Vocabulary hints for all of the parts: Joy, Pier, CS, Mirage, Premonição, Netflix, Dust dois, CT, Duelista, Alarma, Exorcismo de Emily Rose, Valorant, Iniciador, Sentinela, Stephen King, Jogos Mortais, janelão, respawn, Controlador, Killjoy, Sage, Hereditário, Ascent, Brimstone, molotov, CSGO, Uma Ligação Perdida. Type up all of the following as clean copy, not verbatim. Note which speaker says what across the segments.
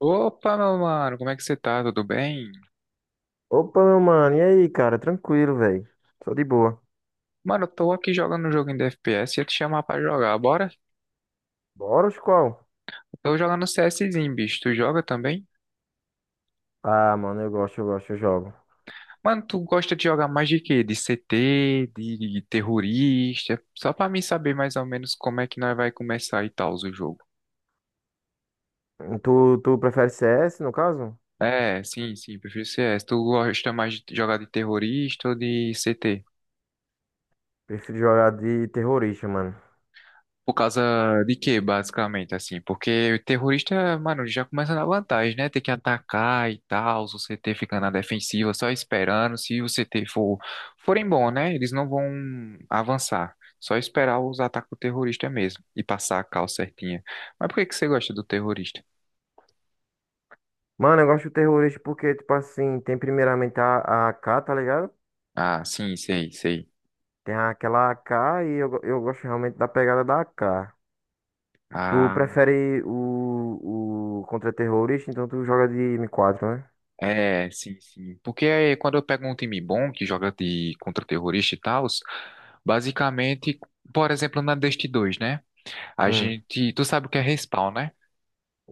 Speaker 1: Opa, meu mano, como é que você tá? Tudo bem?
Speaker 2: Opa, meu mano, e aí, cara? Tranquilo, velho. Tô de boa.
Speaker 1: Mano, eu tô aqui jogando um joguinho de FPS e ia te chamar pra jogar, bora?
Speaker 2: Bora, os qual?
Speaker 1: Eu tô jogando CSzinho, bicho. Tu joga também?
Speaker 2: Ah, mano, eu gosto, eu jogo.
Speaker 1: Mano, tu gosta de jogar mais de quê? De CT, de terrorista? Só pra mim saber mais ou menos como é que nós vai começar e tal o jogo.
Speaker 2: Tu prefere CS, no caso?
Speaker 1: É, sim, sim, prefiro CS. Tu gosta mais de jogar de terrorista ou de CT?
Speaker 2: Prefiro jogar de terrorista, mano.
Speaker 1: Por causa de quê, basicamente, assim? Porque o terrorista, mano, já começa na vantagem, né? Tem que atacar e tal, se o CT fica na defensiva só esperando. Se o CT for, forem bom, né? Eles não vão avançar. Só esperar os ataques do terrorista mesmo e passar a cal certinha. Mas por que que você gosta do terrorista?
Speaker 2: Mano, eu gosto de terrorista porque, tipo assim, tem primeiramente a AK, tá ligado?
Speaker 1: Ah, sim, sei, sei.
Speaker 2: Tem aquela AK e eu gosto realmente da pegada da AK. Tu
Speaker 1: Ah,
Speaker 2: prefere o contra-terrorista, então tu joga de M4, né?
Speaker 1: é, sim, sim. Porque aí, quando eu pego um time bom que joga de contra-terrorista e tal, basicamente, por exemplo, na Dust dois, né? A
Speaker 2: Hum,
Speaker 1: gente, tu sabe o que é respawn, né?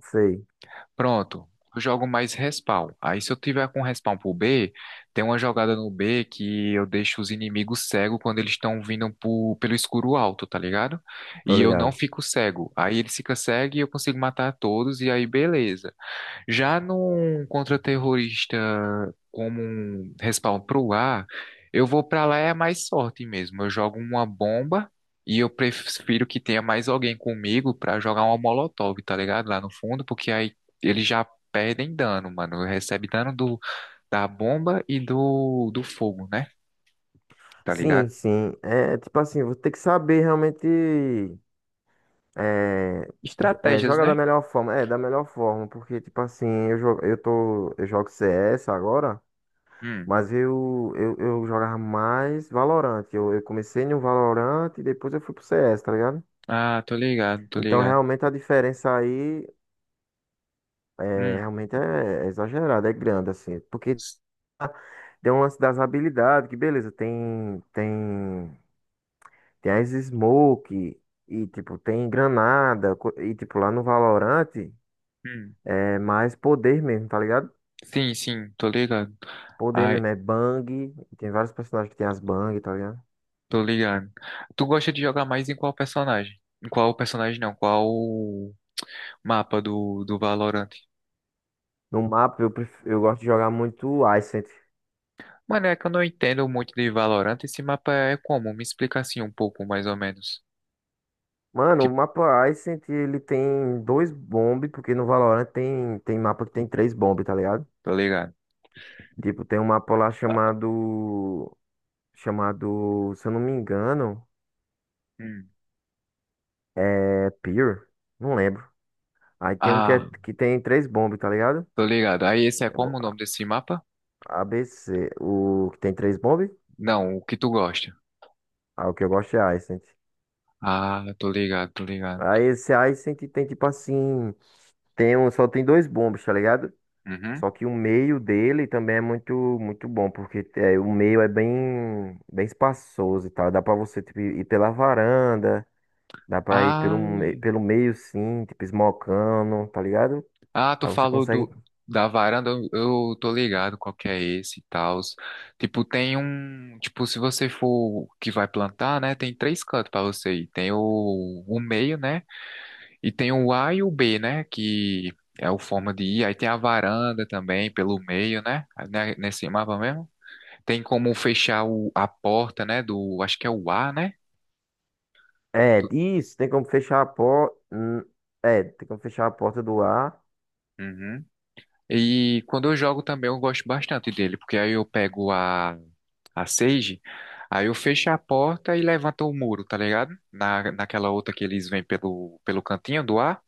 Speaker 2: sei,
Speaker 1: Pronto, eu jogo mais respawn. Aí se eu tiver com respawn pro B, tem uma jogada no B que eu deixo os inimigos cegos quando eles estão vindo pelo escuro alto, tá ligado?
Speaker 2: tô
Speaker 1: E eu não
Speaker 2: ligado.
Speaker 1: fico cego. Aí eles ficam cegos e eu consigo matar todos e aí beleza. Já num contra-terrorista como um respawn pro ar, eu vou pra lá é mais sorte mesmo. Eu jogo uma bomba e eu prefiro que tenha mais alguém comigo pra jogar uma molotov, tá ligado? Lá no fundo, porque aí eles já perdem dano, mano. Recebe dano da bomba e do fogo, né? Tá
Speaker 2: Sim,
Speaker 1: ligado?
Speaker 2: sim. É tipo assim, você tem que saber realmente é,
Speaker 1: Estratégias,
Speaker 2: jogar da
Speaker 1: né?
Speaker 2: melhor forma. É, da melhor forma, porque tipo assim, eu jogo CS agora,
Speaker 1: Hum.
Speaker 2: mas eu jogava mais Valorant. Eu comecei no Valorant e depois eu fui pro CS, tá ligado?
Speaker 1: Ah, tô ligado, tô
Speaker 2: Então
Speaker 1: ligado.
Speaker 2: realmente a diferença aí
Speaker 1: Hum.
Speaker 2: realmente é exagerada, é grande, assim. Porque tem um lance das habilidades, que beleza, tem. Tem as Smoke e, tipo, tem granada. E, tipo, lá no Valorant
Speaker 1: Hum.
Speaker 2: é mais poder mesmo, tá ligado?
Speaker 1: Sim, sim, tô ligado.
Speaker 2: Poder
Speaker 1: Ah,
Speaker 2: mesmo é Bang. Tem vários personagens que tem as Bang, tá ligado?
Speaker 1: tô ligado. Tu gosta de jogar mais em qual personagem? Em qual personagem não? Qual mapa do Valorant?
Speaker 2: No mapa eu gosto de jogar muito Ascent.
Speaker 1: Mano, é que eu não entendo muito de Valorant. Esse mapa é como? Me explica assim um pouco, mais ou menos.
Speaker 2: Mano, o
Speaker 1: Tipo,
Speaker 2: mapa Ascent ele tem dois bombe, porque no Valorant tem mapa que tem três bombe, tá ligado?
Speaker 1: tô ligado.
Speaker 2: Tipo, tem um mapa lá chamado. Chamado, se eu não me engano,
Speaker 1: Hum.
Speaker 2: é Pier. Não lembro. Aí tem um
Speaker 1: Ah,
Speaker 2: que tem três bombas, tá ligado?
Speaker 1: tô ligado. Aí esse é
Speaker 2: É bom,
Speaker 1: como o nome desse mapa?
Speaker 2: ABC, o que tem três bombas?
Speaker 1: Não, o que tu gosta.
Speaker 2: Ah, o que eu gosto é Ascent.
Speaker 1: Ah, tô ligado, tô ligado.
Speaker 2: Aí esse Ascent tem tipo assim, só tem dois bombos, tá ligado?
Speaker 1: Uhum.
Speaker 2: Só que o meio dele também é muito bom, porque o meio é bem espaçoso e tal. Dá pra você tipo, ir pela varanda, dá pra ir
Speaker 1: Ah,
Speaker 2: pelo meio sim, tipo esmocando, tá ligado?
Speaker 1: ah, tu
Speaker 2: Aí você
Speaker 1: falou
Speaker 2: consegue.
Speaker 1: da varanda, eu tô ligado qual que é esse e tal. Tipo, tem um. Tipo, se você for o que vai plantar, né? Tem três cantos pra você ir. Tem o meio, né? E tem o A e o B, né? Que é o forma de ir. Aí tem a varanda também, pelo meio, né? Né, nesse mapa mesmo. Tem como fechar a porta, né? Do. Acho que é o A, né?
Speaker 2: É,
Speaker 1: Do-
Speaker 2: isso, tem como fechar a porta. É, tem como fechar a porta do ar.
Speaker 1: Uhum. E quando eu jogo também eu gosto bastante dele, porque aí eu pego a Sage, aí eu fecho a porta e levanto o muro, tá ligado? Naquela outra que eles vêm pelo, pelo cantinho do ar,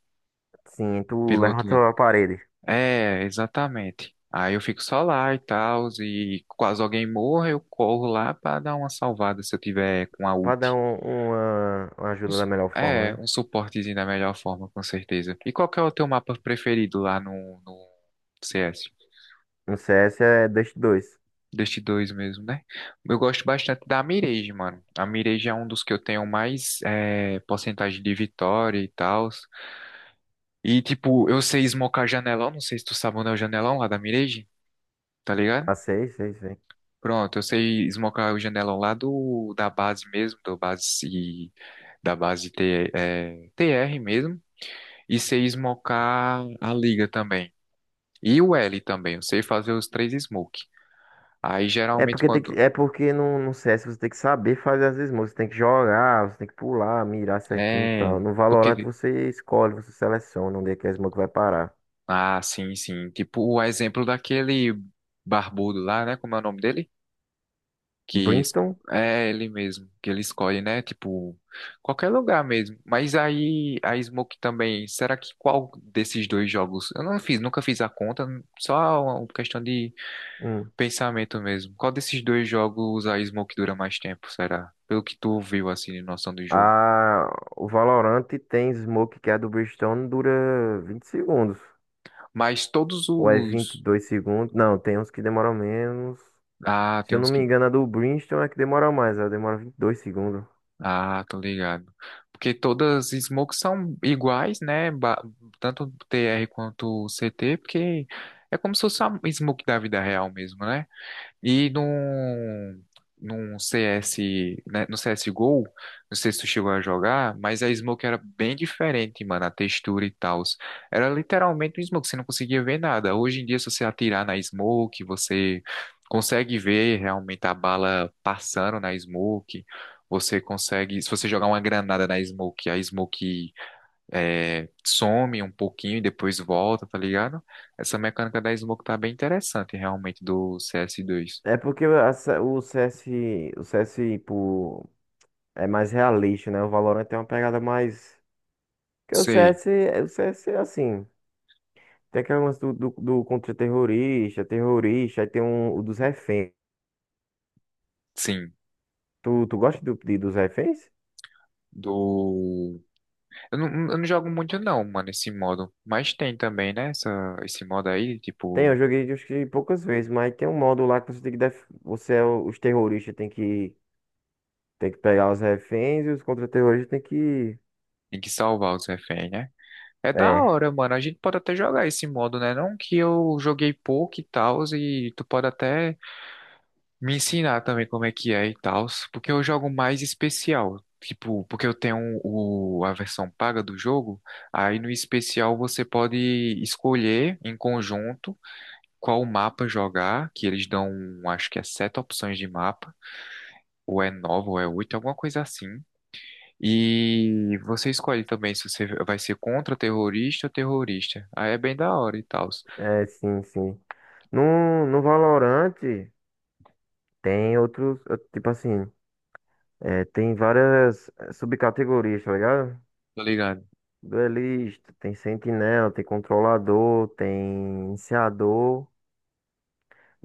Speaker 2: Sim, tu
Speaker 1: pelo outro lado.
Speaker 2: levanta a parede.
Speaker 1: É, exatamente. Aí eu fico só lá e tal, e quase alguém morra, eu corro lá pra dar uma salvada se eu tiver com a
Speaker 2: Pra dar
Speaker 1: ult.
Speaker 2: um- uma, uma
Speaker 1: Um
Speaker 2: ajuda
Speaker 1: su-
Speaker 2: da melhor forma,
Speaker 1: É,
Speaker 2: né?
Speaker 1: um suportezinho da melhor forma, com certeza. E qual que é o teu mapa preferido lá no, no CS?
Speaker 2: No CS é 2x2.
Speaker 1: Deste dois mesmo, né? Eu gosto bastante da Mirage, mano. A Mirage é um dos que eu tenho mais porcentagem de vitória e tal. E, tipo, eu sei smocar janelão. Não sei se tu sabe onde é o janelão lá da Mirage, tá ligado?
Speaker 2: Ah, sei.
Speaker 1: Pronto, eu sei smocar o janelão lá do, da base mesmo, do base, da base T, TR mesmo. E sei smocar a liga também. E o L também. Eu sei fazer os três smoke. Aí,
Speaker 2: É
Speaker 1: geralmente,
Speaker 2: porque,
Speaker 1: quando...
Speaker 2: é porque no CS você tem que saber fazer as esmolas. Você tem que jogar, você tem que pular, mirar certinho e
Speaker 1: É...
Speaker 2: tal. No Valorant
Speaker 1: Porque
Speaker 2: você seleciona onde é que a smoke vai parar.
Speaker 1: ah, sim, sim. Tipo o exemplo daquele barbudo lá, né? Como é o nome dele? Que
Speaker 2: Brimstone?
Speaker 1: é ele mesmo, que ele escolhe, né? Tipo, qualquer lugar mesmo. Mas aí a Smoke também, será que qual desses dois jogos? Eu não fiz, nunca fiz a conta, só uma questão de
Speaker 2: Hum.
Speaker 1: pensamento mesmo. Qual desses dois jogos a Smoke dura mais tempo, será? Pelo que tu viu assim de noção do jogo.
Speaker 2: Ah, o Valorant tem smoke que é a do Brimstone dura 20 segundos.
Speaker 1: Mas todos
Speaker 2: Ou é vinte e
Speaker 1: os
Speaker 2: dois segundos? Não, tem uns que demoram menos.
Speaker 1: ah,
Speaker 2: Se
Speaker 1: tem
Speaker 2: eu não
Speaker 1: uns
Speaker 2: me
Speaker 1: que
Speaker 2: engano, a do Brimstone é que demora mais. Ela demora 22 segundos.
Speaker 1: ah, tô ligado. Porque todas as smokes são iguais, né? Tanto TR quanto CT, porque é como se fosse a smoke da vida real mesmo, né? E num CS, né, no CSGO, não sei se tu chegou a jogar, mas a Smoke era bem diferente, mano, a textura e tal. Era literalmente um Smoke, você não conseguia ver nada. Hoje em dia, se você atirar na Smoke, você consegue ver realmente a bala passando na Smoke. Você consegue, se você jogar uma granada na Smoke, a Smoke some um pouquinho e depois volta, tá ligado? Essa mecânica da Smoke tá bem interessante realmente do cs
Speaker 2: É
Speaker 1: dois.
Speaker 2: porque a C- o C S o CS por, é mais realista, né? O Valorant tem uma pegada mais. Porque
Speaker 1: Sei,
Speaker 2: O CS é assim. Tem aquele lance do contra-terrorista, terrorista, aí tem um, o dos reféns.
Speaker 1: sim.
Speaker 2: Tu gosta dos reféns?
Speaker 1: Do. Eu não jogo muito não, mano, esse modo. Mas tem também, né? Essa, esse modo aí,
Speaker 2: Tem, eu
Speaker 1: tipo,
Speaker 2: joguei acho que poucas vezes, mas tem um modo lá que você tem que você é os terroristas tem que pegar os reféns e os contra-terroristas tem que
Speaker 1: tem que salvar os reféns, né? É da
Speaker 2: é,
Speaker 1: hora, mano. A gente pode até jogar esse modo, né? Não que eu joguei pouco e tal, e tu pode até me ensinar também como é que é e tal. Porque eu jogo mais especial. Tipo, porque eu tenho a versão paga do jogo, aí no especial você pode escolher em conjunto. Qual mapa jogar, que eles dão, acho que é sete opções de mapa, ou é nove, ou é oito, alguma coisa assim. E você escolhe também se você vai ser contra terrorista ou terrorista. Aí é bem da hora e tal.
Speaker 2: é sim, sim. No Valorant tem outros, tipo assim. É, tem várias subcategorias, tá ligado?
Speaker 1: Tá ligado?
Speaker 2: Duelista, tem sentinela, tem controlador, tem iniciador.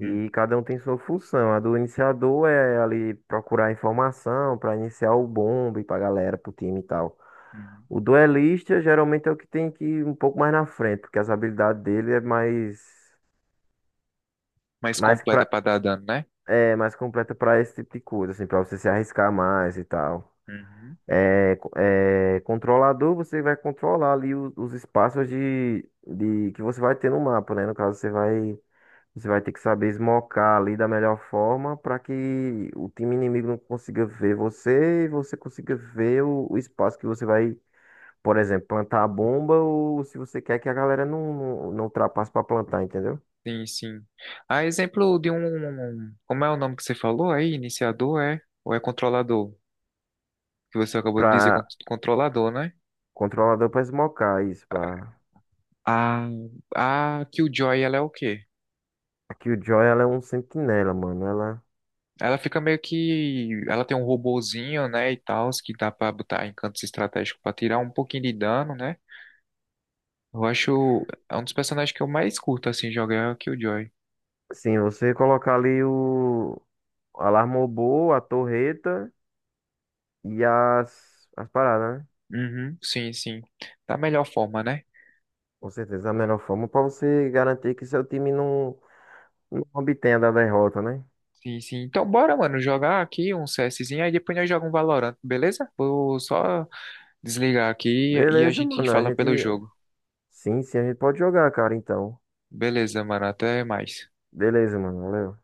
Speaker 1: Hum,
Speaker 2: cada um tem sua função. A do iniciador é ali procurar informação para iniciar o bombe pra galera, pro time e tal.
Speaker 1: uhum.
Speaker 2: O duelista geralmente é o que tem que ir um pouco mais na frente, porque as habilidades dele é
Speaker 1: Mais
Speaker 2: mais,
Speaker 1: completa
Speaker 2: pra,
Speaker 1: pra dar dano, né?
Speaker 2: mais completa para esse tipo de coisa, assim, para você se arriscar mais e tal.
Speaker 1: Uhum.
Speaker 2: Controlador, você vai controlar ali os espaços de que você vai ter no mapa, né? No caso, você vai ter que saber esmocar ali da melhor forma para que o time inimigo não consiga ver você e você consiga ver o espaço que você vai, por exemplo, plantar a bomba ou se você quer que a galera não ultrapasse para plantar, entendeu?
Speaker 1: Sim, sim. Ah, exemplo de um. Como é o nome que você falou aí? Iniciador é? Ou é controlador? Que você acabou de dizer,
Speaker 2: Para
Speaker 1: controlador, né?
Speaker 2: controlador para esmocar isso, para.
Speaker 1: A, a Killjoy, ela é o quê?
Speaker 2: Aqui o Joy, ela é um sentinela, mano. Ela,
Speaker 1: Ela fica meio que. Ela tem um robozinho, né, e tal, que dá pra botar em cantos estratégicos pra tirar um pouquinho de dano, né? Eu acho. É um dos personagens que eu mais curto, assim, jogar é o Killjoy.
Speaker 2: assim, você colocar ali o Alarma o boi, a torreta e as paradas, né?
Speaker 1: Uhum, sim, sim. Da melhor forma, né?
Speaker 2: Com certeza, a melhor forma pra você garantir que seu time não obtenha da derrota, né?
Speaker 1: Sim, sim. Então, bora, mano, jogar aqui um CSzinho, aí depois nós jogamos um Valorant, beleza? Vou só desligar aqui e a
Speaker 2: Beleza,
Speaker 1: gente
Speaker 2: mano. A
Speaker 1: fala
Speaker 2: gente.
Speaker 1: pelo jogo.
Speaker 2: Sim, sim, a gente pode jogar, cara, então.
Speaker 1: Beleza, mano, até mais.
Speaker 2: Beleza, mano. Valeu.